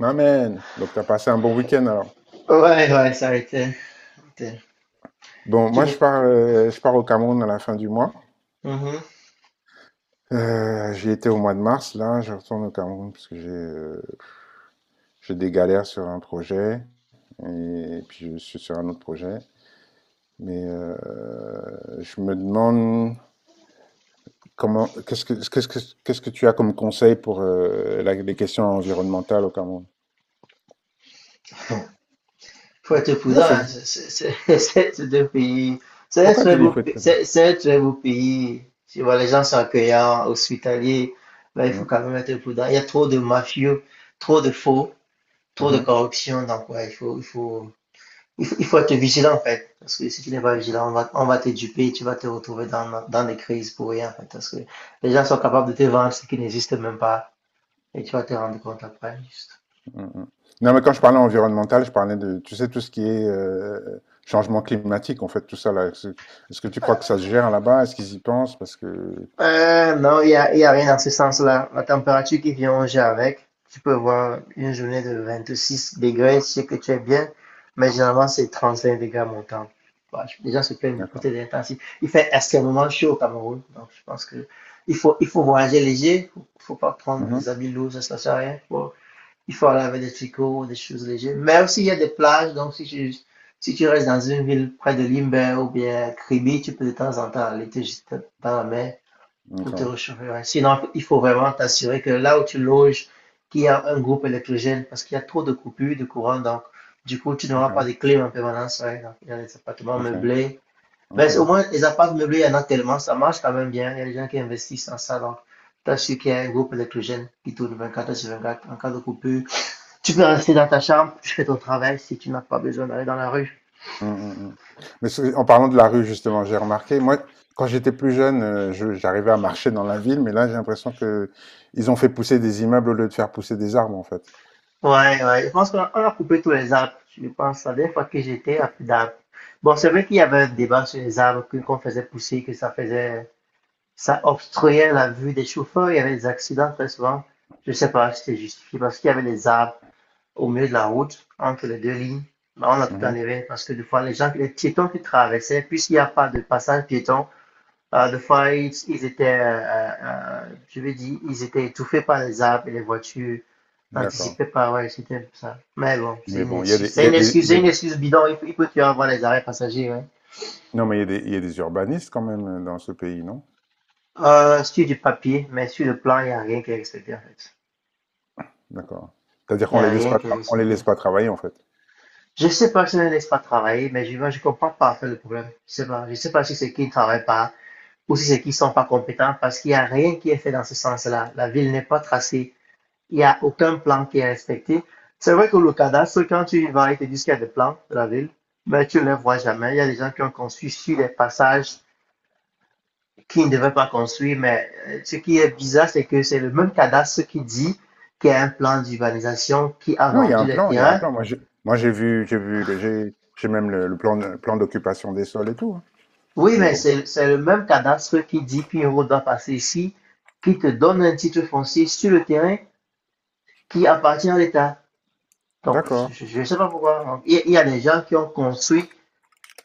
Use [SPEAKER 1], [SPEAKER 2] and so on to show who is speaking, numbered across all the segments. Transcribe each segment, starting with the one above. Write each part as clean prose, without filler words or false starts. [SPEAKER 1] Amen. Donc, tu as passé un bon week-end alors.
[SPEAKER 2] Ouais, ouais, ça a été. été-
[SPEAKER 1] Bon,
[SPEAKER 2] Tu
[SPEAKER 1] moi,
[SPEAKER 2] me...
[SPEAKER 1] je pars au Cameroun à la fin du mois.
[SPEAKER 2] Mhm.
[SPEAKER 1] J'y étais au mois de mars. Là, je retourne au Cameroun parce que j'ai des galères sur un projet et, puis je suis sur un autre projet. Mais je me demande comment, qu'est-ce que, qu'est-ce que, qu'est-ce que tu as comme conseil pour les questions environnementales au Cameroun?
[SPEAKER 2] Faut être
[SPEAKER 1] Non,
[SPEAKER 2] prudent,
[SPEAKER 1] c'est
[SPEAKER 2] hein,
[SPEAKER 1] vrai.
[SPEAKER 2] deux pays. C'est un
[SPEAKER 1] Pourquoi
[SPEAKER 2] très
[SPEAKER 1] tu dis qu'il faut être prudent?
[SPEAKER 2] c'est un très beau pays. Tu vois, les gens sont accueillants, hospitaliers. Mais il faut
[SPEAKER 1] Mhm.
[SPEAKER 2] quand même être prudent. Il y a trop de mafieux, trop de faux, trop de
[SPEAKER 1] Mhm.
[SPEAKER 2] corruption. Donc, ouais, il faut être vigilant, en fait. Parce que si tu n'es pas vigilant, on va te duper, tu vas te retrouver dans des crises pour rien, en fait. Parce que les gens sont capables de te vendre ce qui n'existe même pas. Et tu vas te rendre compte après, juste.
[SPEAKER 1] Mm, mm. Non, mais quand je parlais environnemental, je parlais de, tu sais, tout ce qui est changement climatique, en fait, tout ça là. Est-ce que tu crois que ça se gère là-bas? Est-ce qu'ils y pensent? Parce que,
[SPEAKER 2] Non, il y a rien dans ce sens-là. La température qui vient au jeu avec, tu peux voir une journée de 26 degrés, je sais que tu es bien, mais généralement c'est 35 degrés à mon temps. Les gens se plaignent beaucoup,
[SPEAKER 1] d'accord.
[SPEAKER 2] c'est intensif. Il fait extrêmement chaud au Cameroun, donc je pense que il faut voyager léger, faut pas prendre des
[SPEAKER 1] Mhm.
[SPEAKER 2] habits lourds, ça ne sert à rien. Il faut aller avec des tricots, des choses légères. Mais aussi il y a des plages, donc si tu restes dans une ville près de Limbe ou bien Kribi, tu peux de temps en temps aller te jeter dans la mer pour te
[SPEAKER 1] D'accord.
[SPEAKER 2] réchauffer. Ouais. Sinon, il faut vraiment t'assurer que là où tu loges, qu'il y a un groupe électrogène parce qu'il y a trop de coupures de courant. Donc, du coup, tu n'auras pas de
[SPEAKER 1] Ok.
[SPEAKER 2] clim en permanence. Ouais. Donc, il y a des appartements
[SPEAKER 1] Ok.
[SPEAKER 2] meublés.
[SPEAKER 1] Ok.
[SPEAKER 2] Mais au moins, les appartements meublés, il y en a tellement. Ça marche quand même bien. Il y a des gens qui investissent en ça. Donc, t'assures qu'il y a un groupe électrogène qui tourne 24 heures sur 24 en cas de coupure. Tu peux rester dans ta chambre, tu fais ton travail si tu n'as pas besoin d'aller dans la rue.
[SPEAKER 1] Mm, mm, mm. Mais en parlant de la rue, justement, j'ai remarqué, moi, quand j'étais plus jeune, j'arrivais à marcher dans la ville, mais là, j'ai l'impression que ils ont fait pousser des immeubles au lieu de faire pousser des arbres, en fait.
[SPEAKER 2] Ouais, ouais. Je pense qu'on a coupé tous les arbres. Je pense, la dernière fois que j'étais, à plus d'arbres. Bon, c'est vrai qu'il y avait un débat sur les qu'on faisait pousser, ça obstruait la vue des chauffeurs. Il y avait des accidents très souvent. Je sais pas si c'était justifié parce qu'il y avait des arbres au milieu de la route, entre les deux lignes. Mais on a tout
[SPEAKER 1] Mmh.
[SPEAKER 2] enlevé parce que des fois, les gens, les piétons qui traversaient, puisqu'il n'y a pas de passage piéton, ah, des fois, ils étaient, je veux dire, ils étaient étouffés par les arbres et les voitures.
[SPEAKER 1] D'accord.
[SPEAKER 2] T'anticipais pas, ouais, c'était un peu ça. Mais bon, c'est
[SPEAKER 1] Mais
[SPEAKER 2] une
[SPEAKER 1] bon, il y a
[SPEAKER 2] excuse.
[SPEAKER 1] des il
[SPEAKER 2] C'est
[SPEAKER 1] y a
[SPEAKER 2] une
[SPEAKER 1] des
[SPEAKER 2] excuse,
[SPEAKER 1] il y
[SPEAKER 2] c'est
[SPEAKER 1] a
[SPEAKER 2] une
[SPEAKER 1] des
[SPEAKER 2] excuse bidon. Il faut toujours avoir les arrêts passagers, ouais.
[SPEAKER 1] non, mais il y a des urbanistes quand même, dans ce pays, non?
[SPEAKER 2] Sur du papier, mais sur le plan, il n'y a rien qui est respecté, en fait.
[SPEAKER 1] D'accord. C'est-à-dire
[SPEAKER 2] Il n'y
[SPEAKER 1] qu'
[SPEAKER 2] a rien qui est
[SPEAKER 1] on les
[SPEAKER 2] respecté.
[SPEAKER 1] laisse pas travailler, en fait?
[SPEAKER 2] Je sais pas si on ne laisse pas travailler, mais moi, je comprends pas, en fait, le problème. Je sais pas. Je sais pas si c'est qu'ils ne travaillent pas ou si c'est qu'ils sont pas compétents parce qu'il n'y a rien qui est fait dans ce sens-là. La ville n'est pas tracée. Il y a aucun plan qui est respecté. C'est vrai que le cadastre, quand tu y vas, il te disent qu'il y a des plans de la ville, mais tu ne les vois jamais. Il y a des gens qui ont construit sur des passages qui ne devaient pas construire, mais ce qui est bizarre, c'est que c'est le même cadastre qui dit qu'il y a un plan d'urbanisation qui a
[SPEAKER 1] Non, il y a
[SPEAKER 2] vendu
[SPEAKER 1] un
[SPEAKER 2] les
[SPEAKER 1] plan, il y a un
[SPEAKER 2] terrains.
[SPEAKER 1] plan. Moi, j'ai vu, le- j'ai même le plan, plan d'occupation des sols et tout. Hein.
[SPEAKER 2] Oui,
[SPEAKER 1] Mais
[SPEAKER 2] mais
[SPEAKER 1] bon,
[SPEAKER 2] c'est le même cadastre qui dit qu'une route doit passer ici, qui te donne un titre foncier sur le terrain qui appartient à l'État. Donc,
[SPEAKER 1] d'accord,
[SPEAKER 2] je ne sais pas pourquoi. Il y a des gens qui ont construit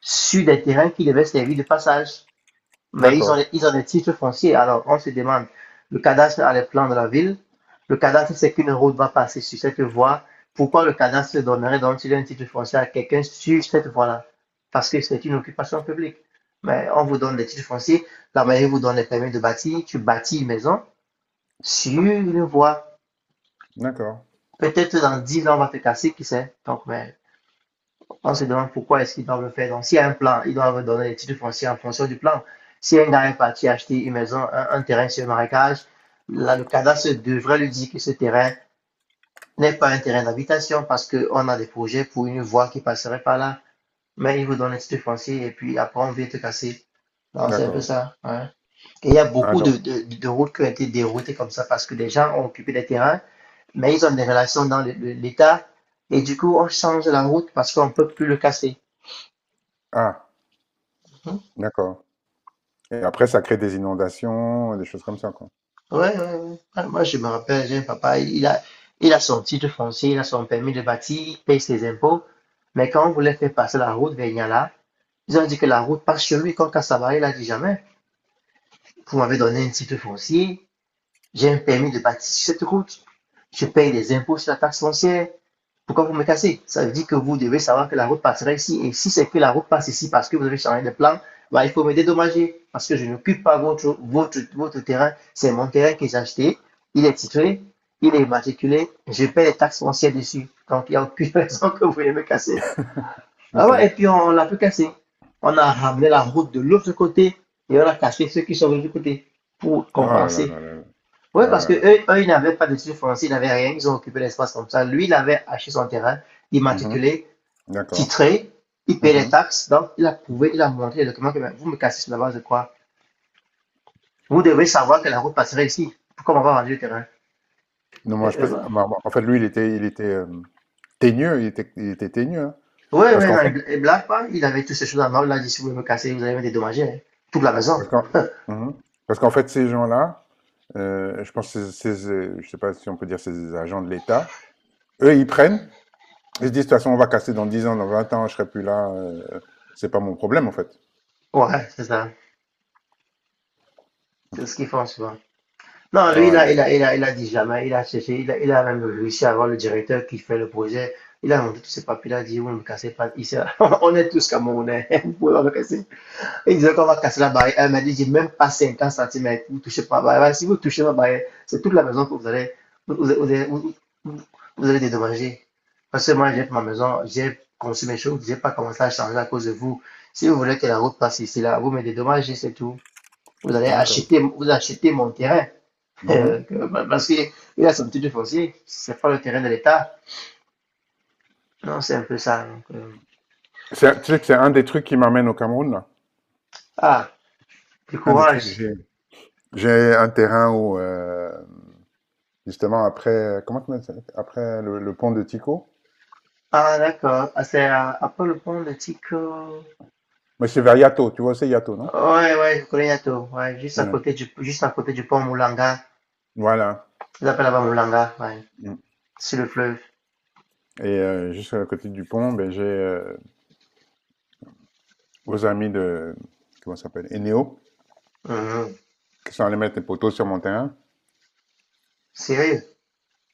[SPEAKER 2] sur des terrains qui devaient servir de passage. Mais
[SPEAKER 1] d'accord,
[SPEAKER 2] ils ont des titres fonciers. Alors, on se demande, le cadastre a les plans de la ville. Le cadastre sait qu'une route va passer sur cette voie. Pourquoi le cadastre donnerait donc un titre foncier à quelqu'un sur cette voie-là? Parce que c'est une occupation publique. Mais on vous donne des titres fonciers. La mairie vous donne les permis de bâtir. Tu bâtis une maison sur une voie.
[SPEAKER 1] d'accord,
[SPEAKER 2] Peut-être dans 10 ans, on va te casser, qui sait? Donc, mais on se demande pourquoi est-ce qu'ils doivent le faire. Donc, s'il y a un plan, ils doivent donner les titres fonciers en fonction du plan. Si un gars est parti acheter une maison, un terrain sur un marécage, là, le cadastre devrait lui dire que ce terrain n'est pas un terrain d'habitation parce qu'on a des projets pour une voie qui passerait par là. Mais ils vous donnent un titre foncier et puis après, on vient te casser. Non, c'est un peu
[SPEAKER 1] d'accord.
[SPEAKER 2] ça, hein. Et il y a
[SPEAKER 1] Ah,
[SPEAKER 2] beaucoup
[SPEAKER 1] donc,
[SPEAKER 2] de routes qui ont été déroutées comme ça parce que des gens ont occupé des terrains, mais ils ont des relations dans l'État. Et du coup, on change la route parce qu'on ne peut plus le casser.
[SPEAKER 1] ah, d'accord. Et après, ça crée des inondations, des choses comme ça, quoi.
[SPEAKER 2] Ouais, ouais, ouais. Ah, moi, je me rappelle, j'ai un papa, il a son titre foncier, il a son permis de bâtir, il paye ses impôts. Mais quand on voulait faire passer la route vers Niala, ils ont dit que la route passe chez lui. Quand Kassabari, il a dit jamais. Vous m'avez donné un titre foncier, j'ai un permis de bâtir sur cette route. Je paye des impôts sur la taxe foncière. Pourquoi vous me cassez? Ça veut dire que vous devez savoir que la route passera ici. Et si c'est que la route passe ici parce que vous avez changé de plan, bah, il faut me dédommager parce que je n'occupe pas votre terrain. C'est mon terrain que j'ai acheté. Il est titré, il est immatriculé. Je paie les taxes foncières dessus. Donc, il n'y a aucune raison que vous voulez me casser. Ah
[SPEAKER 1] Ok.
[SPEAKER 2] ouais, et puis on, l'a pu casser. On a ramené la route de l'autre côté et on a cassé ceux qui sont venus du côté pour
[SPEAKER 1] Oh là là
[SPEAKER 2] compenser.
[SPEAKER 1] là là là.
[SPEAKER 2] Oui,
[SPEAKER 1] Oh
[SPEAKER 2] parce
[SPEAKER 1] là
[SPEAKER 2] que
[SPEAKER 1] là.
[SPEAKER 2] eux, ils n'avaient pas de titre foncier, ils n'avaient rien, ils ont occupé l'espace comme ça. Lui, il avait acheté son terrain,
[SPEAKER 1] Mhm.
[SPEAKER 2] immatriculé,
[SPEAKER 1] D'accord.
[SPEAKER 2] titré, il payait les
[SPEAKER 1] Mhm.
[SPEAKER 2] taxes, donc il a
[SPEAKER 1] Mhm.
[SPEAKER 2] prouvé, il a montré les documents que ben, vous me cassez sur la base de quoi? Vous devez savoir que la route passerait ici. Pourquoi on va vendre le terrain?
[SPEAKER 1] Non, moi, je peux. Bah, bah, en fait, lui, il était teigneux, il était teigneux. Hein.
[SPEAKER 2] Oui,
[SPEAKER 1] Parce
[SPEAKER 2] oui,
[SPEAKER 1] qu'en
[SPEAKER 2] non,
[SPEAKER 1] fait,
[SPEAKER 2] il blague pas, il avait toutes ces choses en main, il a dit si vous voulez me casser, vous allez me dédommager, hein. Toute la maison.
[SPEAKER 1] parce qu'en mhm. Parce qu'en fait, ces gens-là, je pense que je sais pas si on peut dire ces agents de l'État, eux, ils se disent, de toute façon, on va casser dans 10 ans, dans 20 ans, je serai plus là, c'est pas mon problème, en fait.
[SPEAKER 2] Ouais, c'est ça. C'est ce qu'ils font souvent. Non, lui,
[SPEAKER 1] Voilà.
[SPEAKER 2] il a dit jamais, il a cherché, il a même réussi à avoir le directeur qui fait le projet. Il a monté tous ses papiers, il a dit, vous ne cassez pas, ici. On est tous Camerounais, vous pouvez pas me casser. Il disait qu'on va casser la barrière, mais il dit même pas 50 cm, vous ne touchez pas la barrière. Voilà, si vous touchez ma barrière, c'est toute la maison que vous allez, vous, vous, vous, vous- vous allez dédommager. Parce que moi, j'ai ma maison, j'ai conçu mes choses, j'ai pas commencé à changer à cause de vous. Si vous voulez que la route passe ici, là, vous me dédommagez, c'est tout.
[SPEAKER 1] D'accord.
[SPEAKER 2] Vous achetez mon terrain. Euh,
[SPEAKER 1] Mhm.
[SPEAKER 2] que, Parce qu'il a son titre foncier, c'est pas le terrain de l'État. Non, c'est un peu ça.
[SPEAKER 1] Tu sais que c'est un des trucs qui m'amène au Cameroun, là.
[SPEAKER 2] Ah, du
[SPEAKER 1] Un des trucs,
[SPEAKER 2] courage.
[SPEAKER 1] j'ai un terrain où, justement, après, comment tu m'as dit après le pont de Tico,
[SPEAKER 2] Ah, d'accord. Ah, c'est à Paul le Pont de Tico.
[SPEAKER 1] mais c'est vers Yato, tu vois, c'est Yato, non?
[SPEAKER 2] Ouais, ouais, je connais Yato. Ouais,
[SPEAKER 1] Ouais.
[SPEAKER 2] juste à côté du pont Moulanga.
[SPEAKER 1] Voilà.
[SPEAKER 2] Ils appellent là-bas Moulanga, ouais.
[SPEAKER 1] Mm.
[SPEAKER 2] Sur le fleuve.
[SPEAKER 1] Et juste à côté du pont, ben, j'ai vos amis de, comment ça s'appelle, Eneo,
[SPEAKER 2] Mhm.
[SPEAKER 1] qu'ils sont allés mettre des poteaux sur mon terrain.
[SPEAKER 2] Sérieux?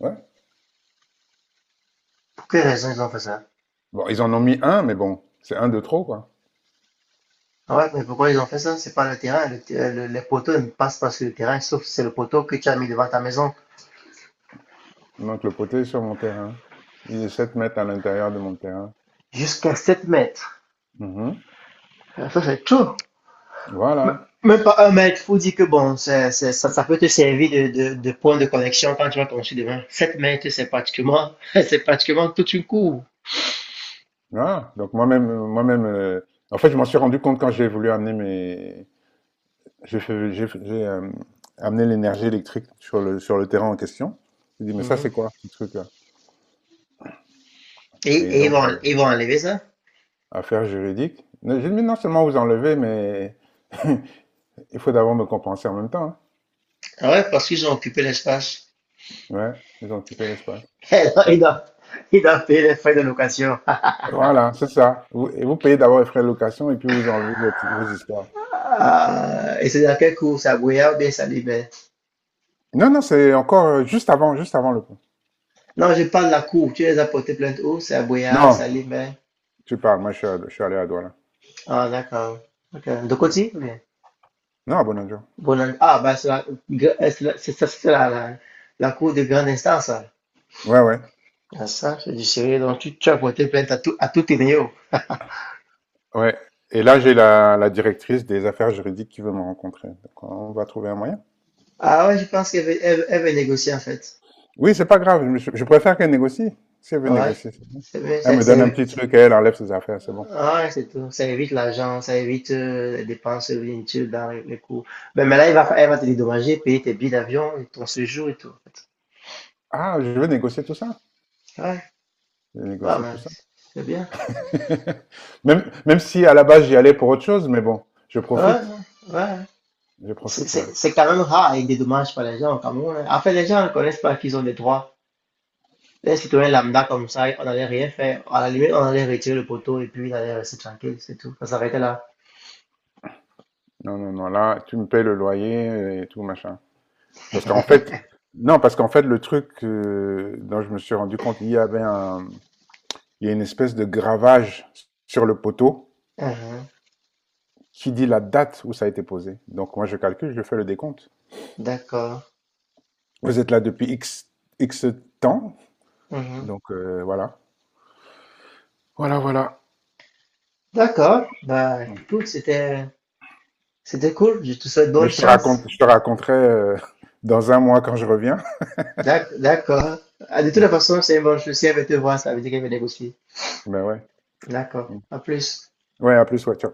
[SPEAKER 1] Ouais.
[SPEAKER 2] Pour quelle raison ils ont fait ça?
[SPEAKER 1] Bon, ils en ont mis un, mais bon, c'est un de trop, quoi.
[SPEAKER 2] Ouais, mais pourquoi ils ont fait ça? C'est pas le terrain. Les poteaux ne passent pas sur le terrain, sauf si c'est le poteau que tu as mis devant ta maison.
[SPEAKER 1] Donc le poteau est sur mon terrain. Il est 7 mètres à l'intérieur de mon terrain.
[SPEAKER 2] Jusqu'à 7 mètres.
[SPEAKER 1] Mhm.
[SPEAKER 2] Ça, c'est tout.
[SPEAKER 1] Voilà.
[SPEAKER 2] Même pas un mètre, faut dire que bon, ça, ça peut te servir de point de connexion quand tu vas construire demain. 7 mètres, c'est pratiquement, c'est pratiquement toute une cour.
[SPEAKER 1] Voilà. Donc moi-même, en fait, je m'en suis rendu compte quand j'ai voulu amener mes, j'ai fait, j'ai, fait- j'ai, euh, amené l'énergie électrique sur le terrain en question. J'ai dit, mais ça,
[SPEAKER 2] Mhm.
[SPEAKER 1] c'est quoi, ce truc-là? Et
[SPEAKER 2] Et
[SPEAKER 1] donc,
[SPEAKER 2] ils vont enlever ça.
[SPEAKER 1] affaire juridique. Mais j'ai dit, mais non seulement vous enlevez, mais il faut d'abord me compenser en même temps. Hein.
[SPEAKER 2] Ah ouais, parce qu'ils ont occupé l'espace.
[SPEAKER 1] Ouais. Ils ont occupé l'espace.
[SPEAKER 2] Ils doivent, ils doivent- ils doivent payer les frais de location.
[SPEAKER 1] Voilà, c'est ça. Vous, et vous payez d'abord les frais de location et puis vous enlevez vos, vos histoires.
[SPEAKER 2] Ah, et c'est dans quelle cour? C'est à Boyard ou bien Salimé?
[SPEAKER 1] Non, non, c'est encore juste avant le pont.
[SPEAKER 2] Non, je parle de la cour. Tu les as portés plainte où? C'est à Boyard,
[SPEAKER 1] Non,
[SPEAKER 2] Salimé.
[SPEAKER 1] tu parles, moi je suis allé à Douala.
[SPEAKER 2] Ah, d'accord. Ok. De
[SPEAKER 1] Euh,
[SPEAKER 2] côté? Oui.
[SPEAKER 1] non, à Bonadjo.
[SPEAKER 2] Ah, ben, c'est la, gra- c'est la- c'est ça, c'était la, la, la cour de grande instance, là.
[SPEAKER 1] Ouais, ouais,
[SPEAKER 2] Ah, ça, c'est du sérieux. Donc, tu as porté plainte à tout tes néos.
[SPEAKER 1] ouais. Et là, j'ai la, la directrice des affaires juridiques qui veut me rencontrer. Donc, on va trouver un moyen.
[SPEAKER 2] Ah ouais, je pense qu'elle veut, elle veut négocier, en fait.
[SPEAKER 1] Oui, c'est pas grave. Je préfère qu'elle négocie. Si elle veut
[SPEAKER 2] Ah ouais.
[SPEAKER 1] négocier, c'est bon.
[SPEAKER 2] C'est bien,
[SPEAKER 1] Elle me donne un petit truc et elle enlève ses affaires, c'est bon.
[SPEAKER 2] ah ouais, c'est tout. Ça évite l'argent, ça évite les dépenses inutiles dans les cours. Ben, mais là, elle va te dédommager, payer tes billets d'avion, ton séjour et tout, en fait.
[SPEAKER 1] Ah, je veux négocier tout ça.
[SPEAKER 2] Ouais,
[SPEAKER 1] Je vais
[SPEAKER 2] pas
[SPEAKER 1] négocier tout
[SPEAKER 2] mal.
[SPEAKER 1] ça.
[SPEAKER 2] C'est bien.
[SPEAKER 1] Même, même si à la base j'y allais pour autre chose, mais bon, je
[SPEAKER 2] Ouais,
[SPEAKER 1] profite.
[SPEAKER 2] ouais, ouais.
[SPEAKER 1] Je profite, ouais.
[SPEAKER 2] C'est quand même rare et des dommages par les gens au Cameroun, hein. En fait, les gens ne connaissent pas qu'ils ont des droits. Les citoyens lambda comme ça, on n'allait rien faire. À la limite, on allait retirer le poteau et puis il allait rester tranquille, c'est tout. Ça s'arrêtait là.
[SPEAKER 1] Non, non, non, là, tu me payes le loyer et tout, machin. Parce qu'en fait, non, parce qu'en fait, le truc dont je me suis rendu compte, il y a une espèce de gravage sur le poteau
[SPEAKER 2] Mhm.
[SPEAKER 1] qui dit la date où ça a été posé. Donc, moi, je calcule, je fais le décompte.
[SPEAKER 2] D'accord.
[SPEAKER 1] Vous êtes là depuis X, X temps,
[SPEAKER 2] Mhm.
[SPEAKER 1] donc voilà. Voilà, voilà.
[SPEAKER 2] D'accord. Bah, écoute, c'était cool. Je te souhaite
[SPEAKER 1] Mais
[SPEAKER 2] bonne chance.
[SPEAKER 1] je te raconterai dans 1 mois quand je reviens.
[SPEAKER 2] D'accord. Ah, de toute
[SPEAKER 1] Mm.
[SPEAKER 2] façon, c'est une bonne chose. Si elle veut te voir, ça veut dire qu'elle veut négocier.
[SPEAKER 1] Ben ouais.
[SPEAKER 2] D'accord.
[SPEAKER 1] Mm.
[SPEAKER 2] À plus.
[SPEAKER 1] Ouais, à plus, ouais, ciao.